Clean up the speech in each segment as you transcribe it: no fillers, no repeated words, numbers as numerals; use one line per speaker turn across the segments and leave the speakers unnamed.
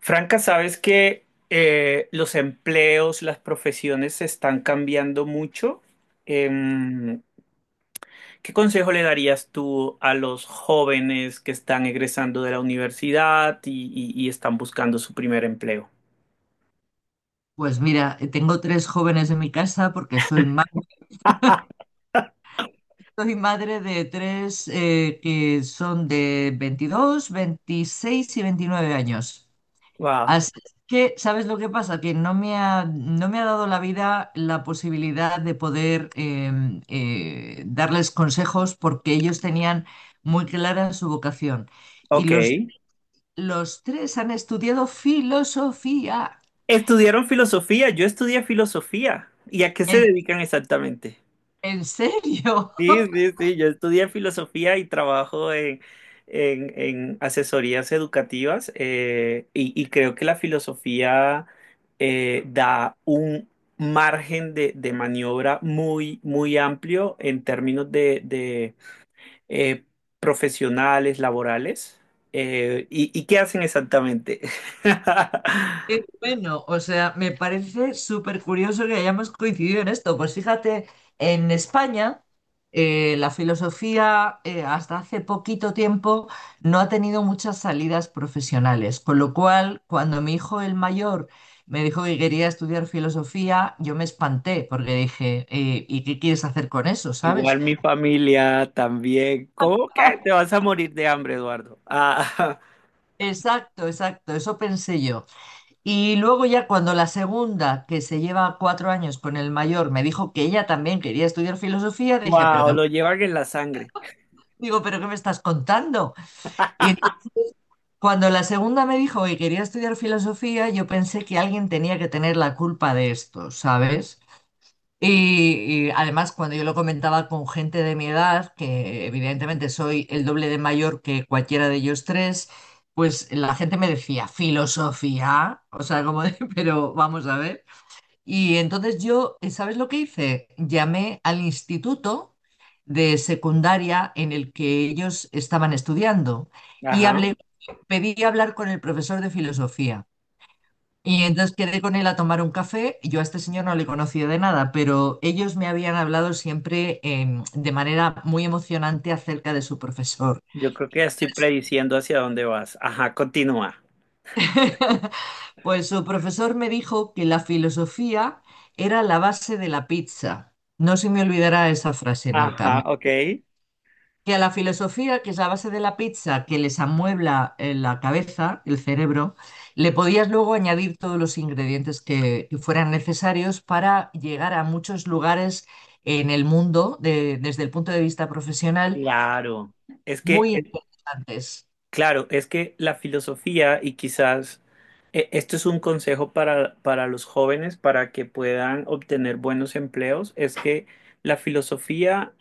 Franca, sabes que los empleos, las profesiones se están cambiando mucho. Em, ¿Qué consejo le darías tú a los jóvenes que están egresando de la universidad y están buscando su primer empleo?
Pues mira, tengo tres jóvenes en mi casa porque soy madre de tres que son de 22, 26 y 29 años.
Wow,
Así que, ¿sabes lo que pasa? Que no me ha dado la vida la posibilidad de poder darles consejos porque ellos tenían muy clara su vocación. Y
ok.
los tres han estudiado filosofía.
Estudiaron filosofía, yo estudié filosofía. ¿Y a qué se
¿En,
dedican exactamente?
en serio?
Sí, sí, sí, yo estudié filosofía y trabajo en asesorías educativas y creo que la filosofía da un margen de maniobra muy, muy amplio en términos de eh, profesionales, laborales. ¿Y qué hacen exactamente?
Qué bueno, o sea, me parece súper curioso que hayamos coincidido en esto. Pues fíjate, en España la filosofía hasta hace poquito tiempo no ha tenido muchas salidas profesionales, con lo cual cuando mi hijo el mayor me dijo que quería estudiar filosofía, yo me espanté porque dije, ¿y qué quieres hacer con eso, sabes?
Igual mi familia también. ¿Cómo que te vas a morir de hambre, Eduardo? Ah.
Exacto, exacto, eso pensé yo. Y luego ya cuando la segunda, que se lleva 4 años con el mayor, me dijo que ella también quería estudiar filosofía, dije,
Wow, lo llevan en la sangre.
digo, ¿pero qué me estás contando? Y entonces, cuando la segunda me dijo que quería estudiar filosofía, yo pensé que alguien tenía que tener la culpa de esto, ¿sabes? Y además cuando yo lo comentaba con gente de mi edad, que evidentemente soy el doble de mayor que cualquiera de ellos tres, pues la gente me decía, filosofía, o sea, como de, pero vamos a ver. Y entonces yo, ¿sabes lo que hice? Llamé al instituto de secundaria en el que ellos estaban estudiando y
Ajá.
hablé, pedí hablar con el profesor de filosofía. Y entonces quedé con él a tomar un café. Yo a este señor no le conocía de nada, pero ellos me habían hablado siempre de manera muy emocionante acerca de su profesor.
Yo creo que ya estoy prediciendo hacia dónde vas. Ajá, continúa.
Pues su profesor me dijo que la filosofía era la base de la pizza. No se me olvidará esa frase nunca.
Ajá, ok.
Que a la filosofía, que es la base de la pizza, que les amuebla la cabeza, el cerebro, le podías luego añadir todos los ingredientes que fueran necesarios para llegar a muchos lugares en el mundo, desde el punto de vista profesional,
Claro. Es que
muy interesantes.
claro, es que la filosofía y quizás esto es un consejo para los jóvenes para que puedan obtener buenos empleos, es que la filosofía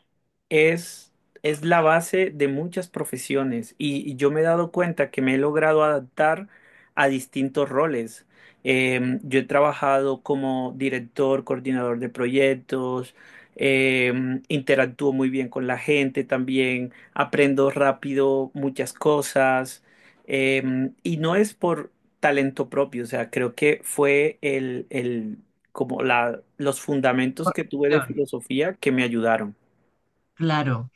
es, es la base de muchas profesiones y yo me he dado cuenta que me he logrado adaptar a distintos roles. Yo he trabajado como director, coordinador de proyectos, interactúo muy bien con la gente también aprendo rápido muchas cosas, y no es por talento propio, o sea, creo que fue como los fundamentos
Por-
que tuve de filosofía que me ayudaron.
Claro.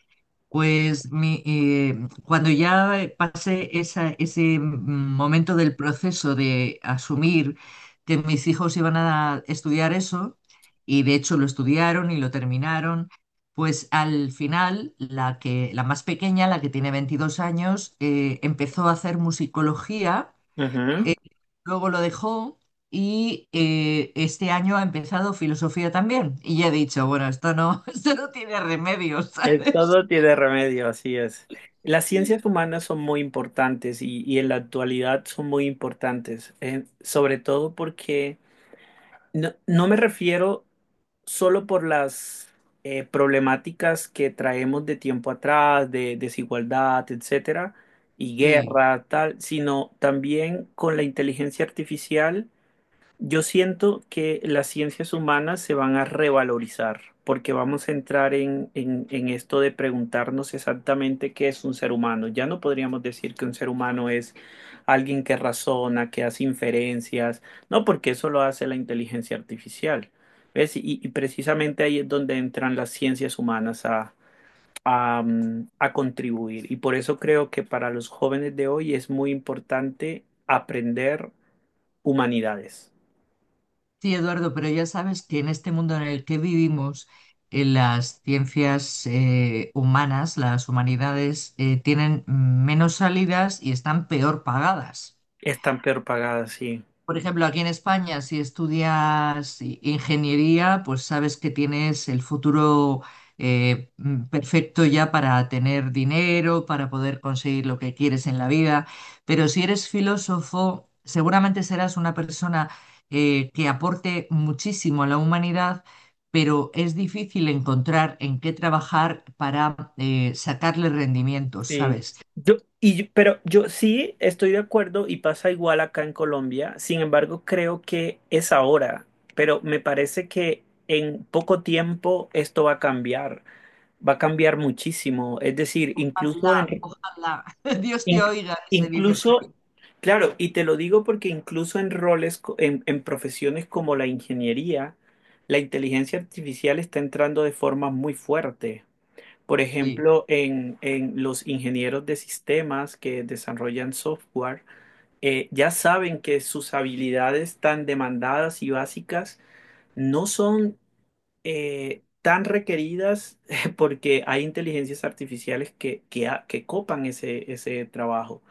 Pues cuando ya pasé ese momento del proceso de asumir que mis hijos iban a estudiar eso, y de hecho lo estudiaron y lo terminaron, pues al final la que, la más pequeña, la que tiene 22 años, empezó a hacer musicología,
Ujú.
luego lo dejó y este año ha empezado filosofía también. Y ya he dicho, bueno, esto no, esto no tiene remedio, ¿sabes?
Todo tiene remedio, así es. Las ciencias humanas son muy importantes y en la actualidad son muy importantes, sobre todo porque no, no me refiero solo por las problemáticas que traemos de tiempo atrás, de desigualdad, etcétera, y
Sí.
guerra, tal, sino también con la inteligencia artificial. Yo siento que las ciencias humanas se van a revalorizar porque vamos a entrar en esto de preguntarnos exactamente qué es un ser humano. Ya no podríamos decir que un ser humano es alguien que razona, que hace inferencias, no, porque eso lo hace la inteligencia artificial. ¿Ves? Y precisamente ahí es donde entran las ciencias humanas a, a contribuir. Y por eso creo que para los jóvenes de hoy es muy importante aprender humanidades.
Sí, Eduardo, pero ya sabes que en este mundo en el que vivimos, en las ciencias humanas, las humanidades, tienen menos salidas y están peor pagadas.
Están peor pagadas, sí.
Por ejemplo, aquí en España, si estudias ingeniería, pues sabes que tienes el futuro perfecto ya para tener dinero, para poder conseguir lo que quieres en la vida. Pero si eres filósofo, seguramente serás una persona que aporte muchísimo a la humanidad, pero es difícil encontrar en qué trabajar para sacarle rendimiento,
Sí.
¿sabes?
Pero yo sí estoy de acuerdo y pasa igual acá en Colombia. Sin embargo, creo que es ahora, pero me parece que en poco tiempo esto va a cambiar. Va a cambiar muchísimo. Es decir,
Ojalá,
incluso
ojalá, Dios te
in-
oiga, se dice por aquí.
incluso, claro, y te lo digo porque incluso en roles, en profesiones como la ingeniería, la inteligencia artificial está entrando de forma muy fuerte. Por
Sí.
ejemplo, en los ingenieros de sistemas que desarrollan software, ya saben que sus habilidades tan demandadas y básicas no son tan requeridas porque hay inteligencias artificiales que copan ese trabajo.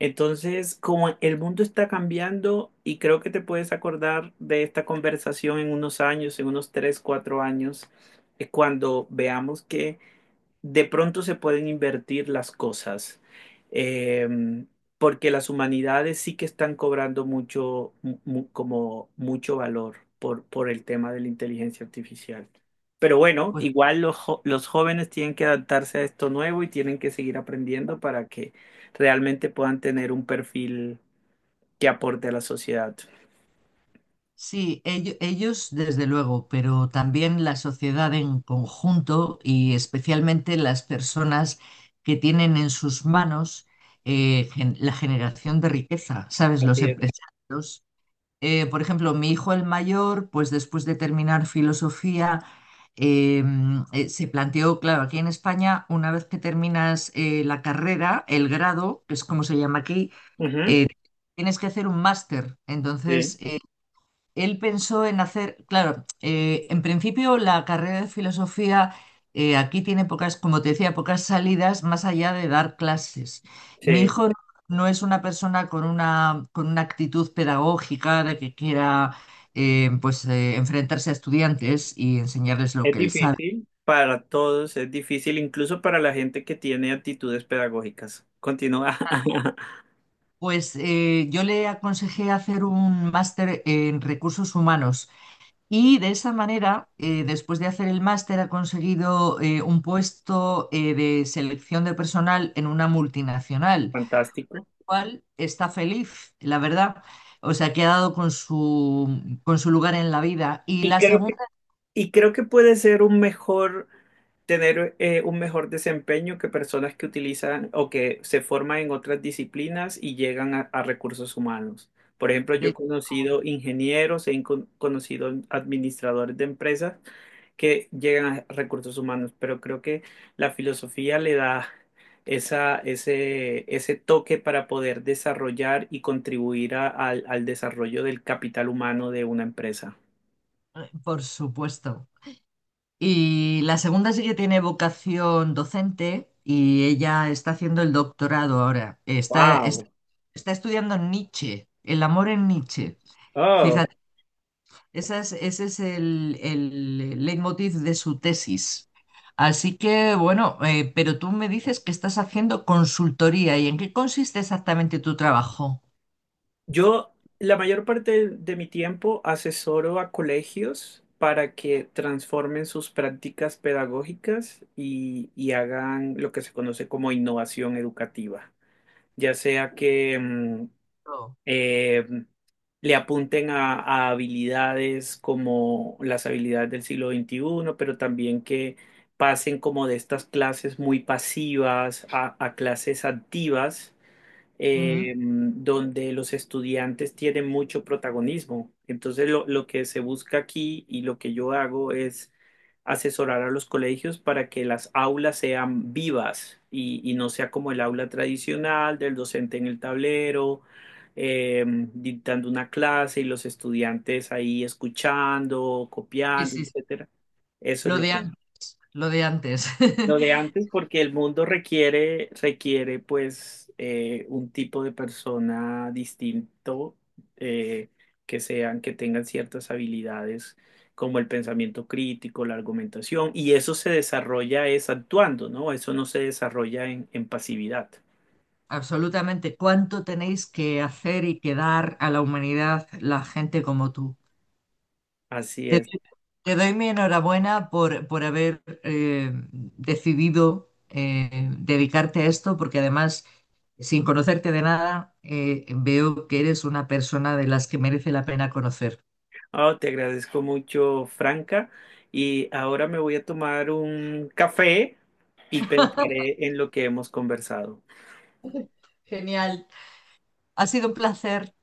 Entonces, como el mundo está cambiando y creo que te puedes acordar de esta conversación en unos años, en unos tres, cuatro años, cuando veamos que de pronto se pueden invertir las cosas, eh, porque las humanidades sí que están cobrando mucho, como mucho valor por el tema de la inteligencia artificial. Pero bueno, igual los jóvenes tienen que adaptarse a esto nuevo y tienen que seguir aprendiendo para que realmente puedan tener un perfil que aporte a la sociedad.
Sí, ellos, desde luego, pero también la sociedad en conjunto y especialmente las personas que tienen en sus manos la generación de riqueza, ¿sabes? Los
Así es.
empresarios. Por ejemplo, mi hijo el mayor, pues después de terminar filosofía, eh, se planteó, claro, aquí en España, una vez que terminas la carrera, el grado, que es como se llama aquí,
Ujú,
eh, tienes que hacer un máster. Entonces,
sí,
él pensó en hacer, claro, en principio la carrera de filosofía aquí tiene pocas, como te decía, pocas salidas más allá de dar clases. Y mi
sí.
hijo no es una persona con una actitud pedagógica de que quiera pues, enfrentarse a estudiantes y enseñarles lo
Es
que él sabe.
difícil para todos, es difícil incluso para la gente que tiene actitudes pedagógicas. Continúa.
Pues yo le aconsejé hacer un máster en recursos humanos. De esa manera, después de hacer el máster, ha conseguido un puesto de selección de personal en una multinacional,
Fantástico.
cual está feliz, la verdad. O sea, que ha dado con su lugar en la vida. Y
Y
la
creo
segunda,
que, y creo que puede ser un mejor, tener un mejor desempeño que personas que utilizan o que se forman en otras disciplinas y llegan a recursos humanos. Por ejemplo, yo he
de-
conocido ingenieros, conocido administradores de empresas que llegan a recursos humanos, pero creo que la filosofía le da ese toque para poder desarrollar y contribuir al desarrollo del capital humano de una empresa.
por supuesto. Y la segunda sí que tiene vocación docente y ella está haciendo el doctorado ahora. Está, está,
Wow.
está estudiando Nietzsche, el amor en Nietzsche.
Oh,
Ese es el leitmotiv de su tesis. Así que, bueno, pero tú me dices que estás haciendo consultoría y ¿en qué consiste exactamente tu trabajo?
yo la mayor parte de mi tiempo asesoro a colegios para que transformen sus prácticas pedagógicas y hagan lo que se conoce como innovación educativa, ya sea que
Oh,
eh, le apunten a habilidades como las habilidades del siglo XXI, pero también que pasen como de estas clases muy pasivas a clases activas
ujú.
donde los estudiantes tienen mucho protagonismo. Entonces, lo que se busca aquí y lo que yo hago es asesorar a los colegios para que las aulas sean vivas y no sea como el aula tradicional del docente en el tablero, eh, dictando una clase y los estudiantes ahí escuchando,
Sí,
copiando,
sí, sí.
etcétera. Eso es
Lo
lo
de
que
antes, lo de antes.
lo de antes, porque el mundo requiere, requiere pues un tipo de persona distinto, eh, que sean, que tengan ciertas habilidades como el pensamiento crítico, la argumentación, y eso se desarrolla es actuando, ¿no? Eso no se desarrolla en pasividad.
Absolutamente. ¿Cuánto tenéis que hacer y que dar a la humanidad la gente como tú?
Así es.
Te doy mi enhorabuena por haber decidido dedicarte a esto, porque además, sin conocerte de nada, veo que eres una persona de las que merece la pena conocer.
Oh, te agradezco mucho, Franca, y ahora me voy a tomar un café y pensaré en lo que hemos conversado.
Genial. Ha sido un placer.